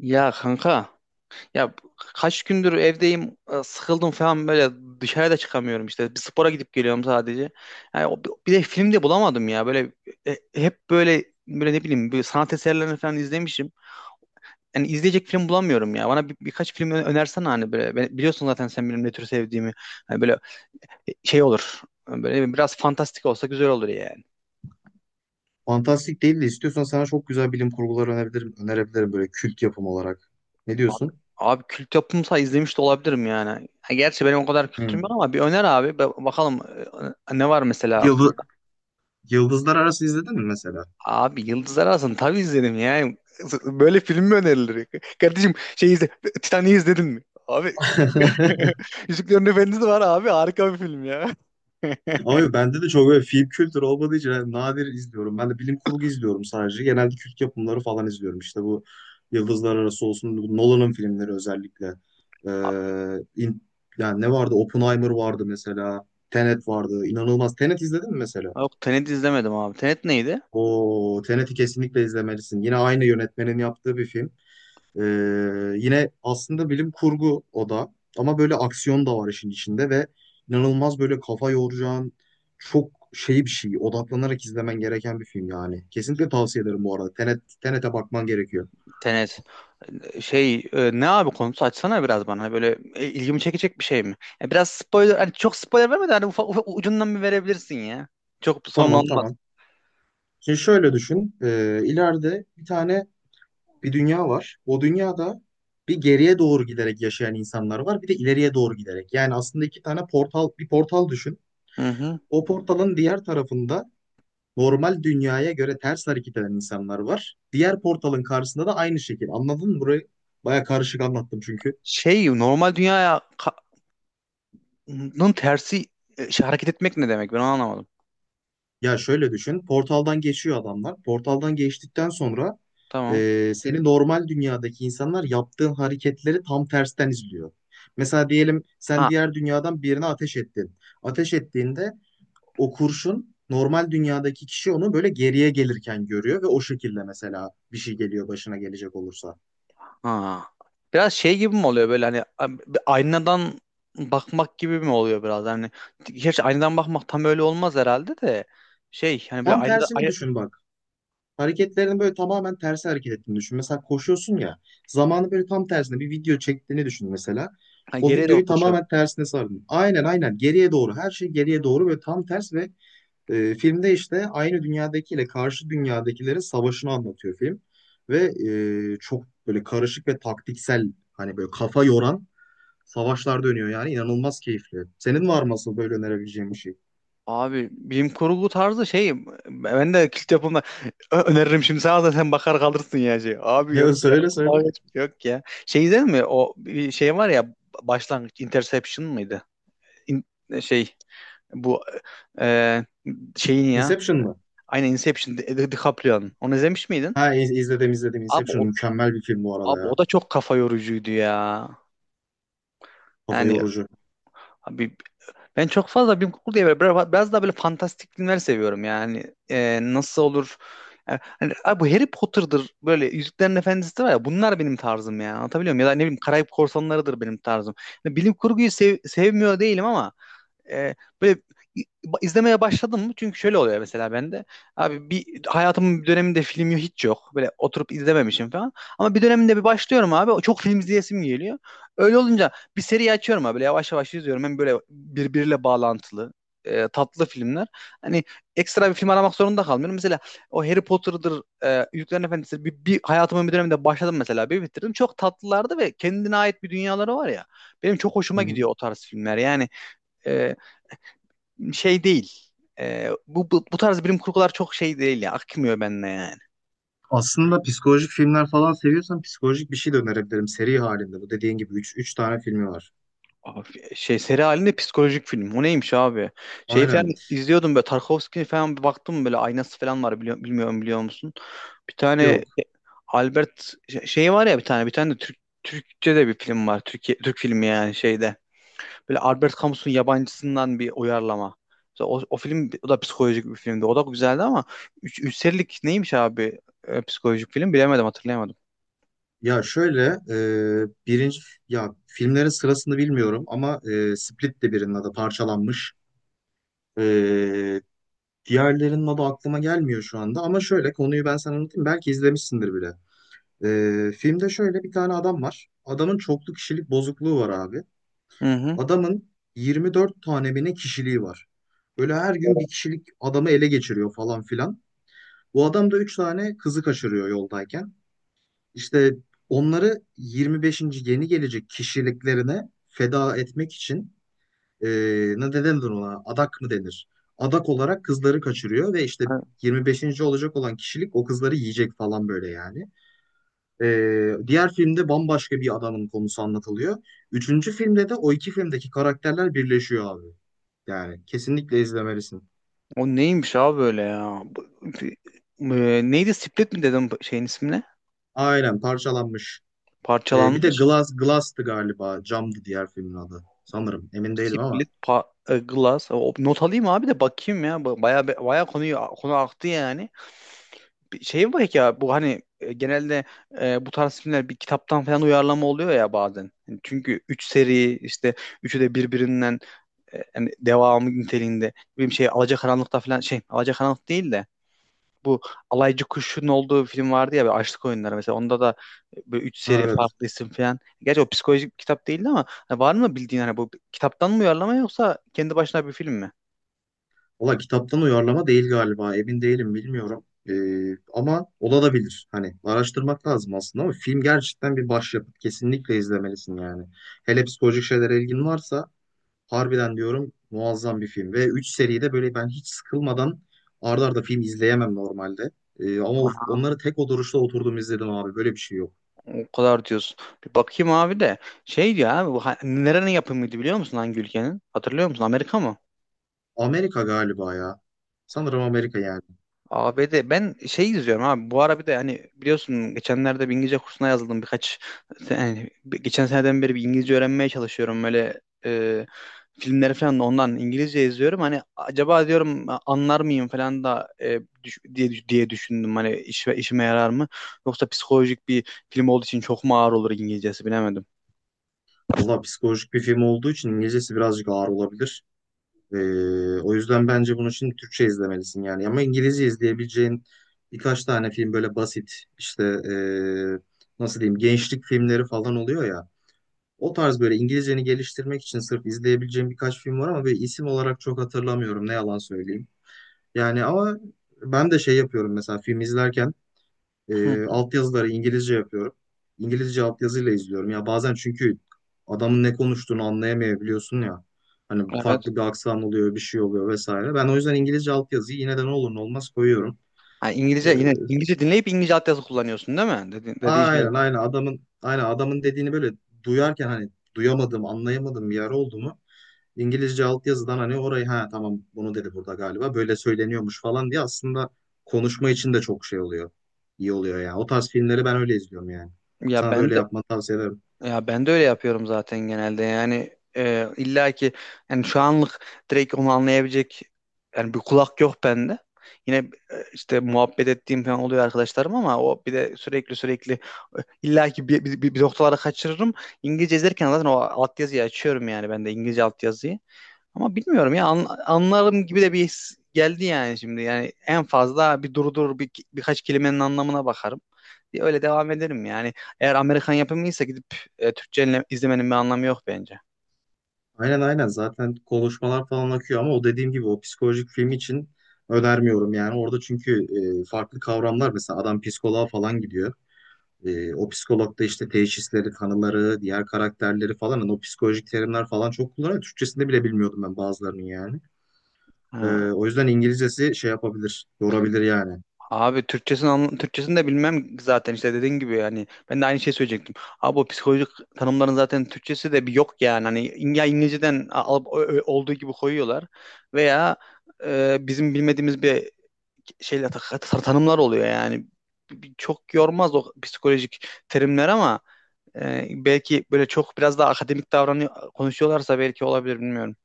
Ya kanka ya kaç gündür evdeyim sıkıldım falan böyle, dışarıda çıkamıyorum, işte bir spora gidip geliyorum sadece. Yani o- Bir de film de bulamadım ya böyle. Hep böyle ne bileyim böyle sanat eserlerini falan izlemişim. Yani izleyecek film bulamıyorum ya. Bana birkaç film önersene. Hani böyle, biliyorsun zaten sen benim ne tür sevdiğimi. Hani böyle şey olur. Hani böyle biraz fantastik olsa güzel olur ya. Fantastik değil de istiyorsan sana çok güzel bilim kurguları önerebilirim, önerebilirim böyle kült yapım olarak. Ne Abi, diyorsun? abi, kült yapımsa izlemiş de olabilirim yani. Ha, gerçi benim o kadar kültürüm Hmm. yok ama bir öner abi. Bakalım ne var mesela Yıldız, aklında. Yıldızlar Arası izledin mi mesela? Abi Yıldızlar Arası'nı tabii izledim yani. Böyle film mi önerilir? Kardeşim şey izle. Titanic'i izledin mi? Abi Yüzüklerin Efendisi var abi. Harika bir film ya. Ama yok, bende de çok böyle film kültürü olmadığı için yani nadir izliyorum. Ben de bilim kurgu izliyorum sadece. Genelde kült yapımları falan izliyorum. İşte bu Yıldızlar Arası olsun, bu Nolan'ın filmleri özellikle. Abi, Ee, in- Yani ne vardı? Oppenheimer vardı mesela. Tenet vardı. İnanılmaz. Tenet izledin mi mesela? yok, Tenet izlemedim abi. Tenet neydi? O Tenet'i kesinlikle izlemelisin. Yine aynı yönetmenin yaptığı bir film. Ee, Yine aslında bilim kurgu o da ama böyle aksiyon da var işin içinde ve inanılmaz böyle kafa yoracağın çok şey bir şey odaklanarak izlemen gereken bir film yani. Kesinlikle tavsiye ederim bu arada. Tenet'e bakman gerekiyor. Tenet. Şey, ne abi, konusu açsana biraz bana. Hani böyle ilgimi çekecek bir şey mi? Ya biraz spoiler, hani çok spoiler verme de hani ufak ucundan bir verebilirsin ya. Çok sorun Tamam olmaz. tamam. Şimdi şöyle düşün. İleride bir dünya var. O dünyada bir geriye doğru giderek yaşayan insanlar var. Bir de ileriye doğru giderek. Yani aslında iki tane portal, bir portal düşün. Hı hı. O portalın diğer tarafında normal dünyaya göre ters hareket eden insanlar var. Diğer portalın karşısında da aynı şekil. Anladın mı? Burayı baya karışık anlattım çünkü. Şey, normal dünyanın tersi hareket etmek ne demek, ben onu anlamadım. Ya şöyle düşün. Portaldan geçiyor adamlar. Portaldan geçtikten sonra Tamam. Seni normal dünyadaki insanlar yaptığın hareketleri tam tersten izliyor. Mesela diyelim sen Ha diğer dünyadan birine ateş ettin. Ateş ettiğinde o kurşun normal dünyadaki kişi onu böyle geriye gelirken görüyor ve o şekilde mesela bir şey geliyor başına gelecek olursa. ha. Biraz şey gibi mi oluyor böyle hani, bir aynadan bakmak gibi mi oluyor biraz, hani gerçi aynadan bakmak tam öyle olmaz herhalde de şey, hani böyle Tam aynada tersini ay, düşün bak. Hareketlerini böyle tamamen tersi hareket ettiğini düşün. Mesela koşuyorsun ya zamanı böyle tam tersine bir video çektiğini düşün mesela. ha, O geriye doğru videoyu koşuyor. tamamen tersine sardın. Aynen aynen geriye doğru her şey geriye doğru böyle tam ters ve filmde işte aynı dünyadakiyle karşı dünyadakilerin savaşını anlatıyor film. Ve çok böyle karışık ve taktiksel hani böyle kafa yoran savaşlar dönüyor yani inanılmaz keyifli. Senin var mı asıl böyle önerebileceğin bir şey? Abi bilim kurgu tarzı şey, ben de kilit yapımda öneririm şimdi sana da sen bakar kalırsın ya şey. Abi yok Ya ya. söyle söyle. Yok ya. Şey izledin mi? O bir şey var ya, başlangıç, Interception mıydı? İn- e, şey bu e, şeyin ya. Inception mı? Aynen, Inception, DiCaprio'nun. Onu izlemiş miydin? Ha izledim izledim. Abi o, Inception mükemmel bir film bu arada abi o ya. da çok kafa yorucuydu ya. Kafa Yani yorucu. abi, ben çok fazla bilim kurgu diye, böyle biraz daha böyle fantastik filmler seviyorum yani. Nasıl olur? Yani, hani, abi bu Harry Potter'dır, böyle Yüzüklerin Efendisi var ya, bunlar benim tarzım ya, anlatabiliyor muyum? Ya da ne bileyim, Karayip Korsanları'dır benim tarzım. Yani bilim kurguyu sevmiyor değilim ama e, böyle izlemeye başladım mı? Çünkü şöyle oluyor mesela bende. Abi bir hayatımın bir döneminde film yok, hiç yok. Böyle oturup izlememişim falan. Ama bir döneminde bir başlıyorum abi. O çok film izleyesim geliyor. Öyle olunca bir seri açıyorum abi. Böyle yavaş yavaş izliyorum. Hem böyle birbiriyle bağlantılı tatlı filmler. Hani ekstra bir film aramak zorunda kalmıyorum. Mesela o Harry Potter'dır, Yüzüklerin Efendisi, bir hayatımın bir döneminde başladım mesela, bir bitirdim. Çok tatlılardı ve kendine ait bir dünyaları var ya. Benim çok hoşuma Hı hı. gidiyor o tarz filmler. Yani e, şey değil. Bu tarz bilim kurgular çok şey değil ya. Akmıyor benimle yani. Aslında psikolojik filmler falan seviyorsan psikolojik bir şey de önerebilirim seri halinde. Bu dediğin gibi üç tane filmi var. Abi, şey, seri halinde psikolojik film. O neymiş abi? Şey falan Aynen. izliyordum, böyle Tarkovski falan, bir baktım böyle aynası falan var, biliyor, bilmiyorum, biliyor musun? Bir tane Yok. e, Albert şey var ya, bir tane, bir tane de Türk Türkçe de bir film var. Türkiye Türk filmi yani şeyde. Böyle Albert Camus'un Yabancısı'ndan bir uyarlama. Mesela o film, o da psikolojik bir filmdi. O da güzeldi ama 3 serilik neymiş abi psikolojik film, bilemedim, hatırlayamadım. Ya şöyle birinci ya filmlerin sırasını bilmiyorum ama Split de birinin adı parçalanmış. E, Diğerlerinin adı aklıma gelmiyor şu anda ama şöyle konuyu ben sana anlatayım. Belki izlemişsindir bile. Filmde şöyle bir tane adam var. Adamın çoklu kişilik bozukluğu var abi. Hı hı. Adamın 24 tane mi ne kişiliği var. Böyle her gün O, bir kişilik adamı ele geçiriyor falan filan. Bu adam da 3 tane kızı kaçırıyor yoldayken. İşte onları 25'inci yeni gelecek kişiliklerine feda etmek için e, ne ne denir ona? Adak mı denir? Adak olarak kızları kaçırıyor ve işte 25'inci olacak olan kişilik o kızları yiyecek falan böyle yani. Diğer filmde bambaşka bir adamın konusu anlatılıyor. Üçüncü filmde de o iki filmdeki karakterler birleşiyor abi. Yani kesinlikle izlemelisin. O neymiş abi böyle ya? Neydi? Split mi dedim şeyin ismine? Aynen parçalanmış. Bir de Parçalanmış. Glass'tı galiba. Camdı diğer filmin adı. Sanırım. Emin değilim ama. Split, Glass. O, not alayım abi de bakayım ya. Baya baya konu aktı yani. Bir şey mi ya bu, hani genelde bu tarz filmler bir kitaptan falan uyarlama oluyor ya bazen. Yani çünkü 3 seri, işte üçü de birbirinden yani devamı niteliğinde. Bir şey Alacakaranlık'ta falan, şey, Alacakaranlık değil de bu alaycı kuşun olduğu film vardı ya, böyle Açlık Oyunları, mesela onda da böyle üç Ha, seri evet. farklı isim falan. Gerçi o psikolojik bir kitap değildi ama hani var mı bildiğin, hani bu kitaptan mı uyarlama yoksa kendi başına bir film mi? Valla kitaptan uyarlama değil galiba. Emin değilim bilmiyorum. Ama olabilir. Hani araştırmak lazım aslında ama film gerçekten bir başyapıt. Kesinlikle izlemelisin yani. Hele psikolojik şeylere ilgin varsa harbiden diyorum muazzam bir film. Ve 3 seride böyle ben hiç sıkılmadan arda arda film izleyemem normalde. Ama Aha, onları tek oturuşta oturdum izledim abi. Böyle bir şey yok. o kadar diyorsun. Bir bakayım abi de, şey diyor abi bu, nerenin yapımıydı biliyor musun, hangi ülkenin? Hatırlıyor musun? Amerika mı? Amerika galiba ya. Sanırım Amerika yani. ABD. Ben şey izliyorum abi bu ara, bir de hani biliyorsun geçenlerde bir İngilizce kursuna yazıldım birkaç, geçen seneden beri bir İngilizce öğrenmeye çalışıyorum böyle. Filmleri falan da ondan İngilizce izliyorum, hani acaba diyorum, anlar mıyım falan da diye diye düşündüm, hani işime yarar mı, yoksa psikolojik bir film olduğu için çok mu ağır olur İngilizcesi, bilemedim. Valla psikolojik bir film olduğu için İngilizcesi birazcık ağır olabilir. O yüzden bence bunun için Türkçe izlemelisin yani. Ama İngilizce izleyebileceğin birkaç tane film böyle basit işte nasıl diyeyim gençlik filmleri falan oluyor ya. O tarz böyle İngilizceni geliştirmek için sırf izleyebileceğim birkaç film var ama böyle isim olarak çok hatırlamıyorum ne yalan söyleyeyim. Yani ama ben de şey yapıyorum mesela film izlerken Hı hı. altyazıları İngilizce yapıyorum. İngilizce altyazıyla izliyorum. Ya bazen çünkü adamın ne konuştuğunu anlayamayabiliyorsun ya. Hani Evet. farklı bir aksan oluyor, bir şey oluyor vesaire. Ben o yüzden İngilizce altyazıyı yine de ne olur ne olmaz koyuyorum. Ha, E, İngilizce, yine İngilizce dinleyip İngilizce altyazı kullanıyorsun değil mi? Dediği şey o. aynen aynen adamın dediğini böyle duyarken hani duyamadım, anlayamadım bir yer oldu mu? İngilizce altyazıdan hani orayı ha tamam bunu dedi burada galiba böyle söyleniyormuş falan diye aslında konuşma için de çok şey oluyor. İyi oluyor yani. O tarz filmleri ben öyle izliyorum yani. Ya Sana da ben öyle de, yapmanı tavsiye ederim. ya ben de öyle yapıyorum zaten genelde. Yani illa ki, yani şu anlık direkt onu anlayabilecek yani bir kulak yok bende. Yine işte muhabbet ettiğim falan oluyor arkadaşlarım ama o, bir de sürekli illa ki bir noktalara kaçırırım. İngilizce izlerken zaten o altyazıyı açıyorum yani, ben de İngilizce altyazıyı. Ama bilmiyorum ya, anlarım gibi de bir his geldi yani şimdi. Yani en fazla bir durdur, birkaç kelimenin anlamına bakarım diye, öyle devam ederim yani. Eğer Amerikan yapımıysa gidip Türkçe izlemenin bir anlamı yok bence. Aynen aynen zaten konuşmalar falan akıyor ama o dediğim gibi o psikolojik film için önermiyorum yani. Orada çünkü farklı kavramlar mesela adam psikoloğa falan gidiyor. O psikolog da işte teşhisleri, tanıları, diğer karakterleri falan hani o psikolojik terimler falan çok kullanıyor. Türkçesinde bile bilmiyordum ben bazılarının yani. Ee, Ha. O yüzden İngilizcesi şey yapabilir, yorabilir yani. Abi Türkçesini, Türkçesini de bilmem zaten işte, dediğin gibi yani, ben de aynı şey söyleyecektim. Abi o psikolojik tanımların zaten Türkçesi de bir yok yani, hani İngilizceden olduğu gibi koyuyorlar veya bizim bilmediğimiz bir şeyler tanımlar oluyor yani. Çok yormaz o psikolojik terimler ama belki böyle çok biraz daha akademik davranıyor konuşuyorlarsa belki olabilir, bilmiyorum.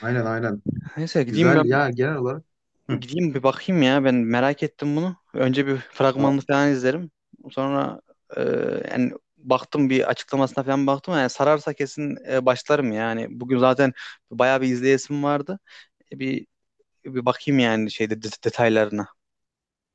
Aynen aynen. Neyse, gideyim Güzel ben, ya genel olarak. Hı. gideyim bir bakayım ya, ben merak ettim bunu. Önce bir Aa, fragmanını falan izlerim. Sonra e, yani baktım, bir açıklamasına falan baktım yani, sararsa kesin başlarım yani. Bugün zaten bayağı bir izleyesim vardı. E, bir bakayım yani şeyde detaylarına.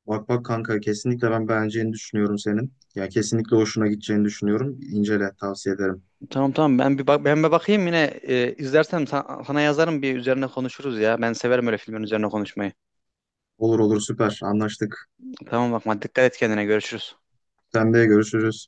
bak bak kanka kesinlikle ben beğeneceğini düşünüyorum senin. Ya kesinlikle hoşuna gideceğini düşünüyorum. İncele tavsiye ederim. Tamam tamam, ben bir bak, ben bir bakayım, yine izlersem sana yazarım, bir üzerine konuşuruz ya. Ben severim öyle filmin üzerine konuşmayı. Olur olur süper anlaştık. Tamam, bakma, dikkat et kendine, görüşürüz. Sen de görüşürüz.